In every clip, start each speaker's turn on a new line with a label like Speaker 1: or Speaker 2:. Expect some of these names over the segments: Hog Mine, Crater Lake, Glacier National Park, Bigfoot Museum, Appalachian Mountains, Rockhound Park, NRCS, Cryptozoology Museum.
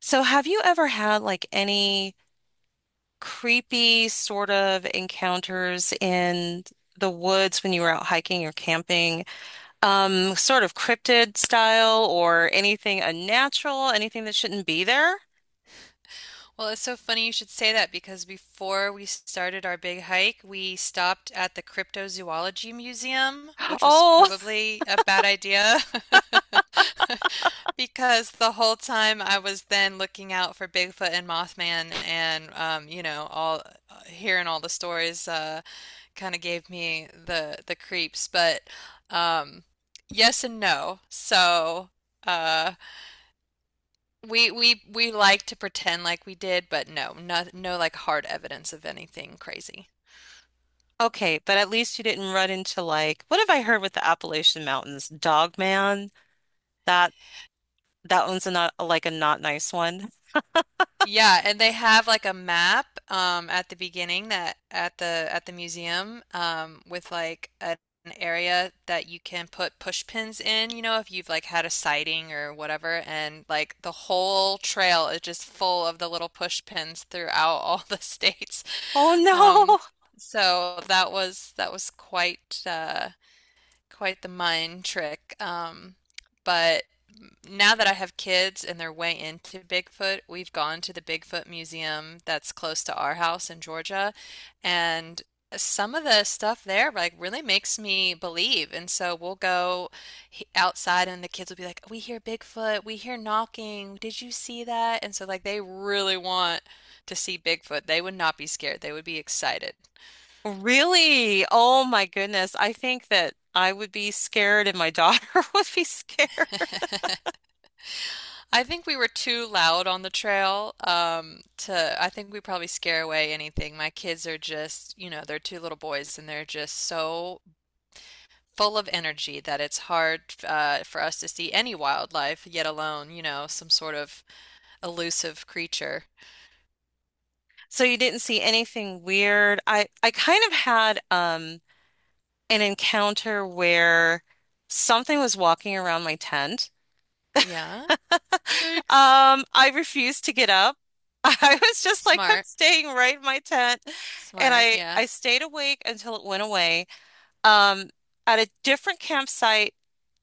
Speaker 1: So, have you ever had like any creepy sort of encounters in the woods when you were out hiking or camping? Sort of cryptid style or anything unnatural, anything that shouldn't be there?
Speaker 2: Well, it's so funny you should say that because before we started our big hike, we stopped at the Cryptozoology Museum, which was
Speaker 1: Oh,
Speaker 2: probably a bad idea. Because the whole time I was then looking out for Bigfoot and Mothman and all hearing all the stories kind of gave me the creeps, but um yes and no. So, uh we like to pretend like we did, but no, no, no like hard evidence of anything crazy.
Speaker 1: okay, but at least you didn't run into like what have I heard with the Appalachian Mountains? Dog man. That that one's a not like a not nice one.
Speaker 2: Yeah, and they have like a map at the beginning that at the museum with like an area that you can put push pins in, you know, if you've like had a sighting or whatever, and like the whole trail is just full of the little push pins throughout all the states.
Speaker 1: Oh no.
Speaker 2: Um so that was quite quite the mind trick. But now that I have kids and they're way into Bigfoot, we've gone to the Bigfoot Museum that's close to our house in Georgia, and some of the stuff there like really makes me believe. And so we'll go outside and the kids will be like, "We hear Bigfoot, we hear knocking. Did you see that?" And so like they really want to see Bigfoot. They would not be scared. They would be excited.
Speaker 1: Really? Oh my goodness. I think that I would be scared and my daughter would be scared.
Speaker 2: I think we were too loud on the trail, to, I think we probably scare away anything. My kids are just, you know, they're two little boys and they're just so full of energy that it's hard, for us to see any wildlife, yet alone, you know, some sort of elusive creature.
Speaker 1: So you didn't see anything weird. I kind of had an encounter where something was walking around my tent.
Speaker 2: Yeah. Yikes.
Speaker 1: I refused to get up. I was just like, I'm
Speaker 2: Smart.
Speaker 1: staying right in my tent. And
Speaker 2: Smart.
Speaker 1: I
Speaker 2: Yeah.
Speaker 1: I stayed awake until it went away. um, at a different campsite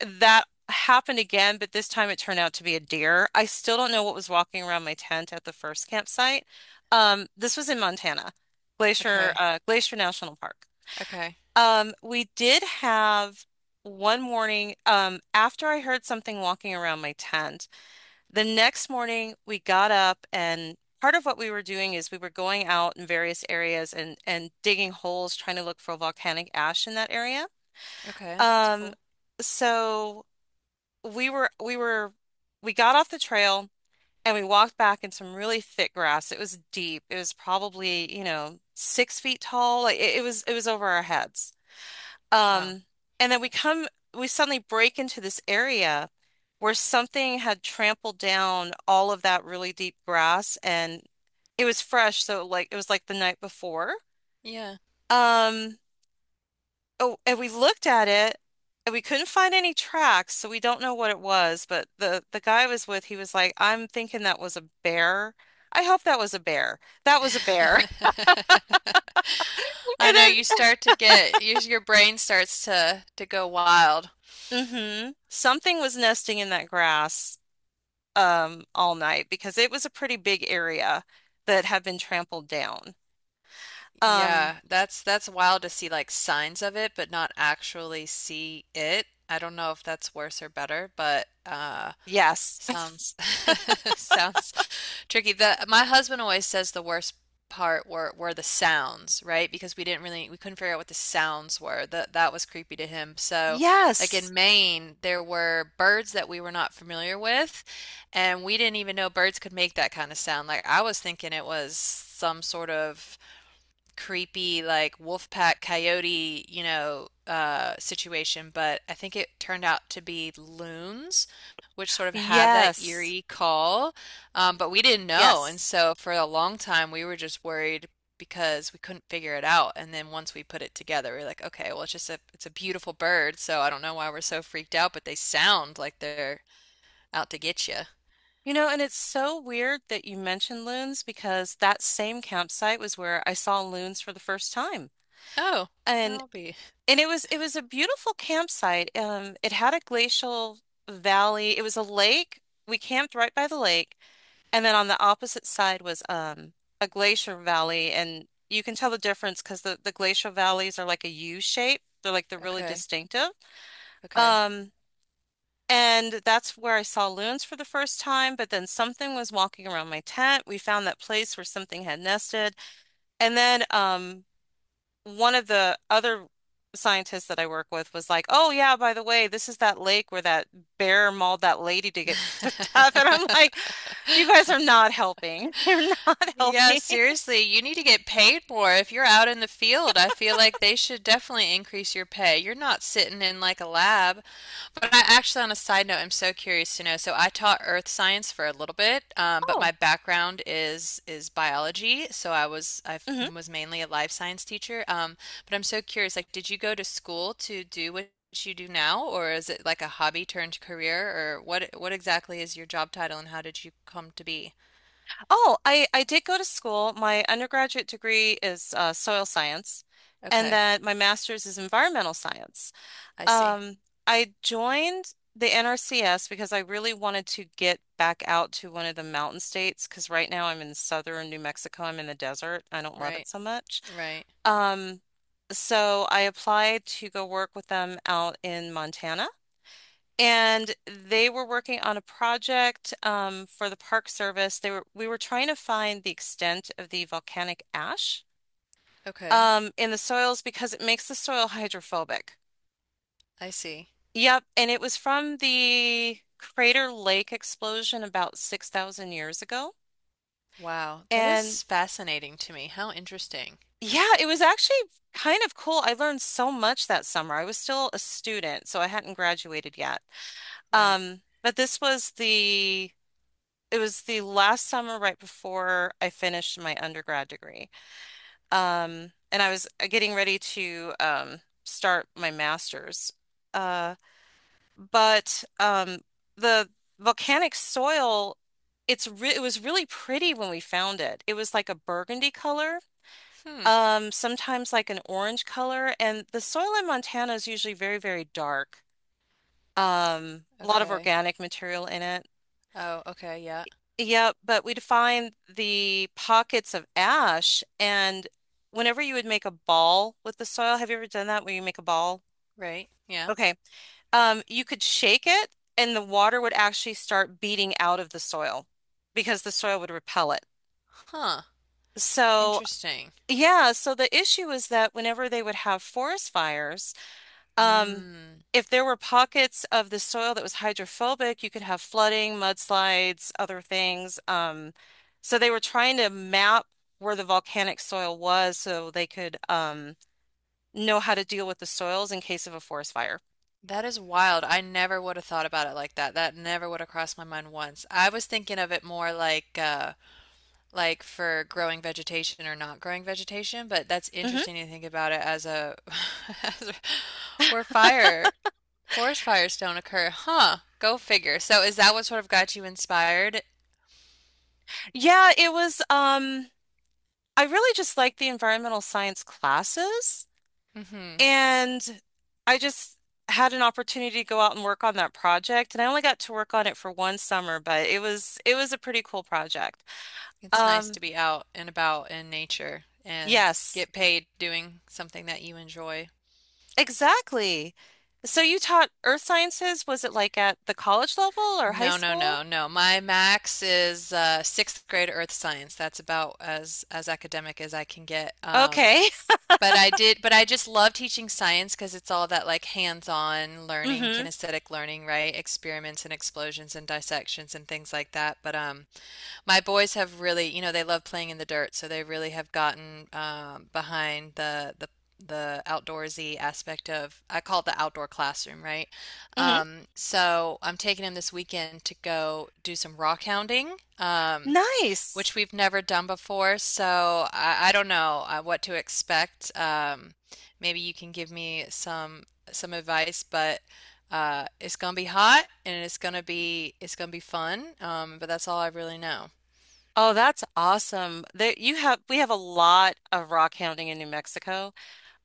Speaker 1: that happened again, but this time it turned out to be a deer. I still don't know what was walking around my tent at the first campsite. This was in Montana,
Speaker 2: Okay.
Speaker 1: Glacier National Park.
Speaker 2: Okay.
Speaker 1: We did have one morning, after I heard something walking around my tent, the next morning we got up and part of what we were doing is we were going out in various areas and, digging holes, trying to look for volcanic ash in that area.
Speaker 2: Okay. That's
Speaker 1: Um,
Speaker 2: cool.
Speaker 1: so we were we got off the trail and we walked back in some really thick grass. It was deep. It was probably, you know, 6 feet tall. Like it was over our heads.
Speaker 2: Wow.
Speaker 1: Um, and then we suddenly break into this area where something had trampled down all of that really deep grass, and it was fresh, so like it was like the night before.
Speaker 2: Yeah.
Speaker 1: Um Oh, and we looked at it and we couldn't find any tracks, so we don't know what it was, but the guy I was with, he was like, "I'm thinking that was a bear. I hope that was a bear. That was a bear."
Speaker 2: I know, you
Speaker 1: And
Speaker 2: start to get your brain starts to go wild.
Speaker 1: then something was nesting in that grass all night because it was a pretty big area that had been trampled down. Um,
Speaker 2: Yeah, that's wild to see like signs of it, but not actually see it. I don't know if that's worse or better, but
Speaker 1: yes.
Speaker 2: sounds sounds tricky. The My husband always says the worst part were the sounds, right? Because we didn't really, we couldn't figure out what the sounds were. That was creepy to him. So, like in
Speaker 1: Yes.
Speaker 2: Maine, there were birds that we were not familiar with, and we didn't even know birds could make that kind of sound. Like I was thinking it was some sort of creepy like wolf pack coyote, you know, situation, but I think it turned out to be loons, which sort of have that
Speaker 1: Yes.
Speaker 2: eerie call. But we didn't know, and
Speaker 1: Yes.
Speaker 2: so for a long time we were just worried because we couldn't figure it out. And then once we put it together, we we're like, okay, well, it's just a, it's a beautiful bird, so I don't know why we're so freaked out, but they sound like they're out to get you.
Speaker 1: You know, and it's so weird that you mentioned loons because that same campsite was where I saw loons for the first time.
Speaker 2: Oh,
Speaker 1: And
Speaker 2: I'll be
Speaker 1: it was a beautiful campsite. It had a glacial valley. It was a lake. We camped right by the lake, and then on the opposite side was a glacier valley, and you can tell the difference because the glacial valleys are like a U shape. They're really
Speaker 2: okay,
Speaker 1: distinctive.
Speaker 2: okay.
Speaker 1: Um, and that's where I saw loons for the first time, but then something was walking around my tent. We found that place where something had nested. And then one of the other scientists that I work with was like, "Oh yeah, by the way, this is that lake where that bear mauled that lady to get to death." And I'm like, "You guys are not helping. You're not
Speaker 2: Yeah,
Speaker 1: helping."
Speaker 2: seriously, you need to get paid more. If you're out in the field, I feel like they should definitely increase your pay. You're not sitting in like a lab. But I actually, on a side note, I'm so curious to know. So I taught earth science for a little bit, but my
Speaker 1: Oh.
Speaker 2: background is biology. So I was
Speaker 1: Mhm.
Speaker 2: was mainly a life science teacher. But I'm so curious, like, did you go to school to do what you do now, or is it like a hobby turned career, or what exactly is your job title and how did you come to be?
Speaker 1: Oh, I did go to school. My undergraduate degree is soil science, and
Speaker 2: Okay,
Speaker 1: then my master's is environmental science.
Speaker 2: I see.
Speaker 1: Um, I joined the NRCS because I really wanted to get back out to one of the mountain states because right now I'm in southern New Mexico. I'm in the desert. I don't love it
Speaker 2: Right,
Speaker 1: so much.
Speaker 2: right.
Speaker 1: Um, so I applied to go work with them out in Montana. And they were working on a project for the Park Service. They were We were trying to find the extent of the volcanic ash
Speaker 2: Okay,
Speaker 1: in the soils because it makes the soil hydrophobic.
Speaker 2: I see.
Speaker 1: Yep, and it was from the Crater Lake explosion about 6,000 years ago.
Speaker 2: Wow, that
Speaker 1: And
Speaker 2: is fascinating to me. How interesting.
Speaker 1: yeah, it was actually kind of cool. I learned so much that summer. I was still a student, so I hadn't graduated yet.
Speaker 2: Right.
Speaker 1: But this was the it was the last summer right before I finished my undergrad degree. And I was getting ready to start my master's. Uh, but the volcanic soil, it was really pretty when we found it. It was like a burgundy color,
Speaker 2: Hmm.
Speaker 1: sometimes like an orange color, and the soil in Montana is usually very, very dark. A lot of
Speaker 2: Okay.
Speaker 1: organic material in it.
Speaker 2: Oh, okay, yeah.
Speaker 1: Yep, but we'd find the pockets of ash, and whenever you would make a ball with the soil, have you ever done that where you make a ball?
Speaker 2: Right. Yeah.
Speaker 1: Okay. You could shake it and the water would actually start beating out of the soil because the soil would repel it.
Speaker 2: Huh.
Speaker 1: So,
Speaker 2: Interesting.
Speaker 1: yeah, so the issue is that whenever they would have forest fires, um,
Speaker 2: Mm.
Speaker 1: if there were pockets of the soil that was hydrophobic, you could have flooding, mudslides, other things. So they were trying to map where the volcanic soil was so they could know how to deal with the soils in case of a forest fire.
Speaker 2: That is wild. I never would have thought about it like that. That never would have crossed my mind once. I was thinking of it more like for growing vegetation or not growing vegetation, but that's
Speaker 1: Hmm.
Speaker 2: interesting to think about it as a as a, where fire, forest fires don't occur. Huh. Go figure. So is that what sort of got you inspired?
Speaker 1: Yeah, it was. I really just like the environmental science classes.
Speaker 2: Hmm.
Speaker 1: And I just had an opportunity to go out and work on that project. And I only got to work on it for one summer, but it was a pretty cool project.
Speaker 2: It's nice
Speaker 1: Um,
Speaker 2: to be out and about in nature and
Speaker 1: yes,
Speaker 2: get paid doing something that you enjoy.
Speaker 1: exactly. So you taught earth sciences, was it like at the college level or high
Speaker 2: No, no,
Speaker 1: school?
Speaker 2: no, no. My max is sixth grade earth science. That's about as academic as I can get. Um,
Speaker 1: Okay.
Speaker 2: but I did, but I just love teaching science because it's all that like hands-on learning,
Speaker 1: Mm-hmm.
Speaker 2: kinesthetic learning, right? Experiments and explosions and dissections and things like that. But my boys have really, you know, they love playing in the dirt, so they really have gotten behind the the outdoorsy aspect of, I call it the outdoor classroom, right?
Speaker 1: Mm-hmm.
Speaker 2: So I'm taking him this weekend to go do some rock hounding,
Speaker 1: Nice.
Speaker 2: which we've never done before. So I don't know what to expect. Maybe you can give me some advice, but it's gonna be hot and it's gonna be fun. But that's all I really know.
Speaker 1: Oh, that's awesome. There you have We have a lot of rock hounding in New Mexico.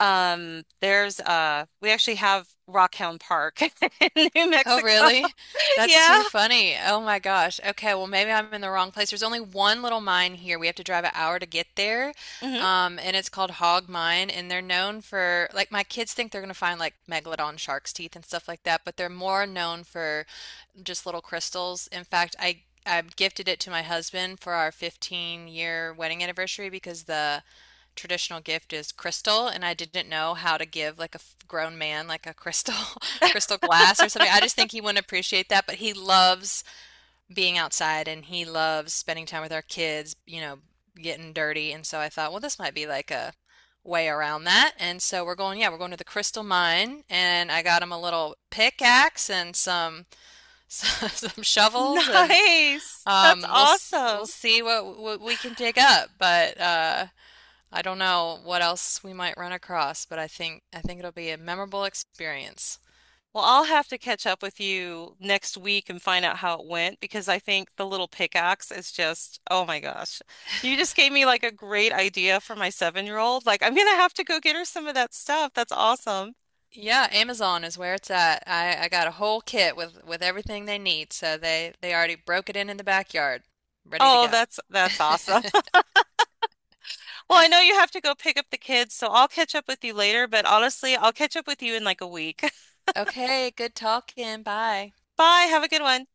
Speaker 1: There's We actually have Rockhound Park in New
Speaker 2: Oh,
Speaker 1: Mexico.
Speaker 2: really? That's too
Speaker 1: Yeah.
Speaker 2: funny. Oh my gosh. Okay, well maybe I'm in the wrong place. There's only one little mine here. We have to drive an hour to get there.
Speaker 1: Hmm.
Speaker 2: And it's called Hog Mine, and they're known for, like, my kids think they're gonna find like megalodon shark's teeth and stuff like that, but they're more known for just little crystals. In fact, I gifted it to my husband for our 15-year wedding anniversary because the traditional gift is crystal and I didn't know how to give like a grown man like a crystal crystal glass or something. I just think he wouldn't appreciate that, but he loves being outside and he loves spending time with our kids, you know, getting dirty. And so I thought, well, this might be like a way around that. And so we're going, yeah, we're going to the crystal mine and I got him a little pickaxe and some some shovels and
Speaker 1: Nice. That's
Speaker 2: we'll
Speaker 1: awesome.
Speaker 2: see what we can dig up, but I don't know what else we might run across, but I think it'll be a memorable experience.
Speaker 1: Well, I'll have to catch up with you next week and find out how it went because I think the little pickaxe is just, oh my gosh. You just gave me like a great idea for my seven-year-old. Like I'm gonna have to go get her some of that stuff. That's awesome.
Speaker 2: Yeah, Amazon is where it's at. I got a whole kit with everything they need, so they already broke it in the backyard, ready to
Speaker 1: Oh,
Speaker 2: go.
Speaker 1: that's awesome. Well, I know you have to go pick up the kids, so I'll catch up with you later, but honestly, I'll catch up with you in like a week.
Speaker 2: Okay, good talking. Bye.
Speaker 1: Bye. Have a good one.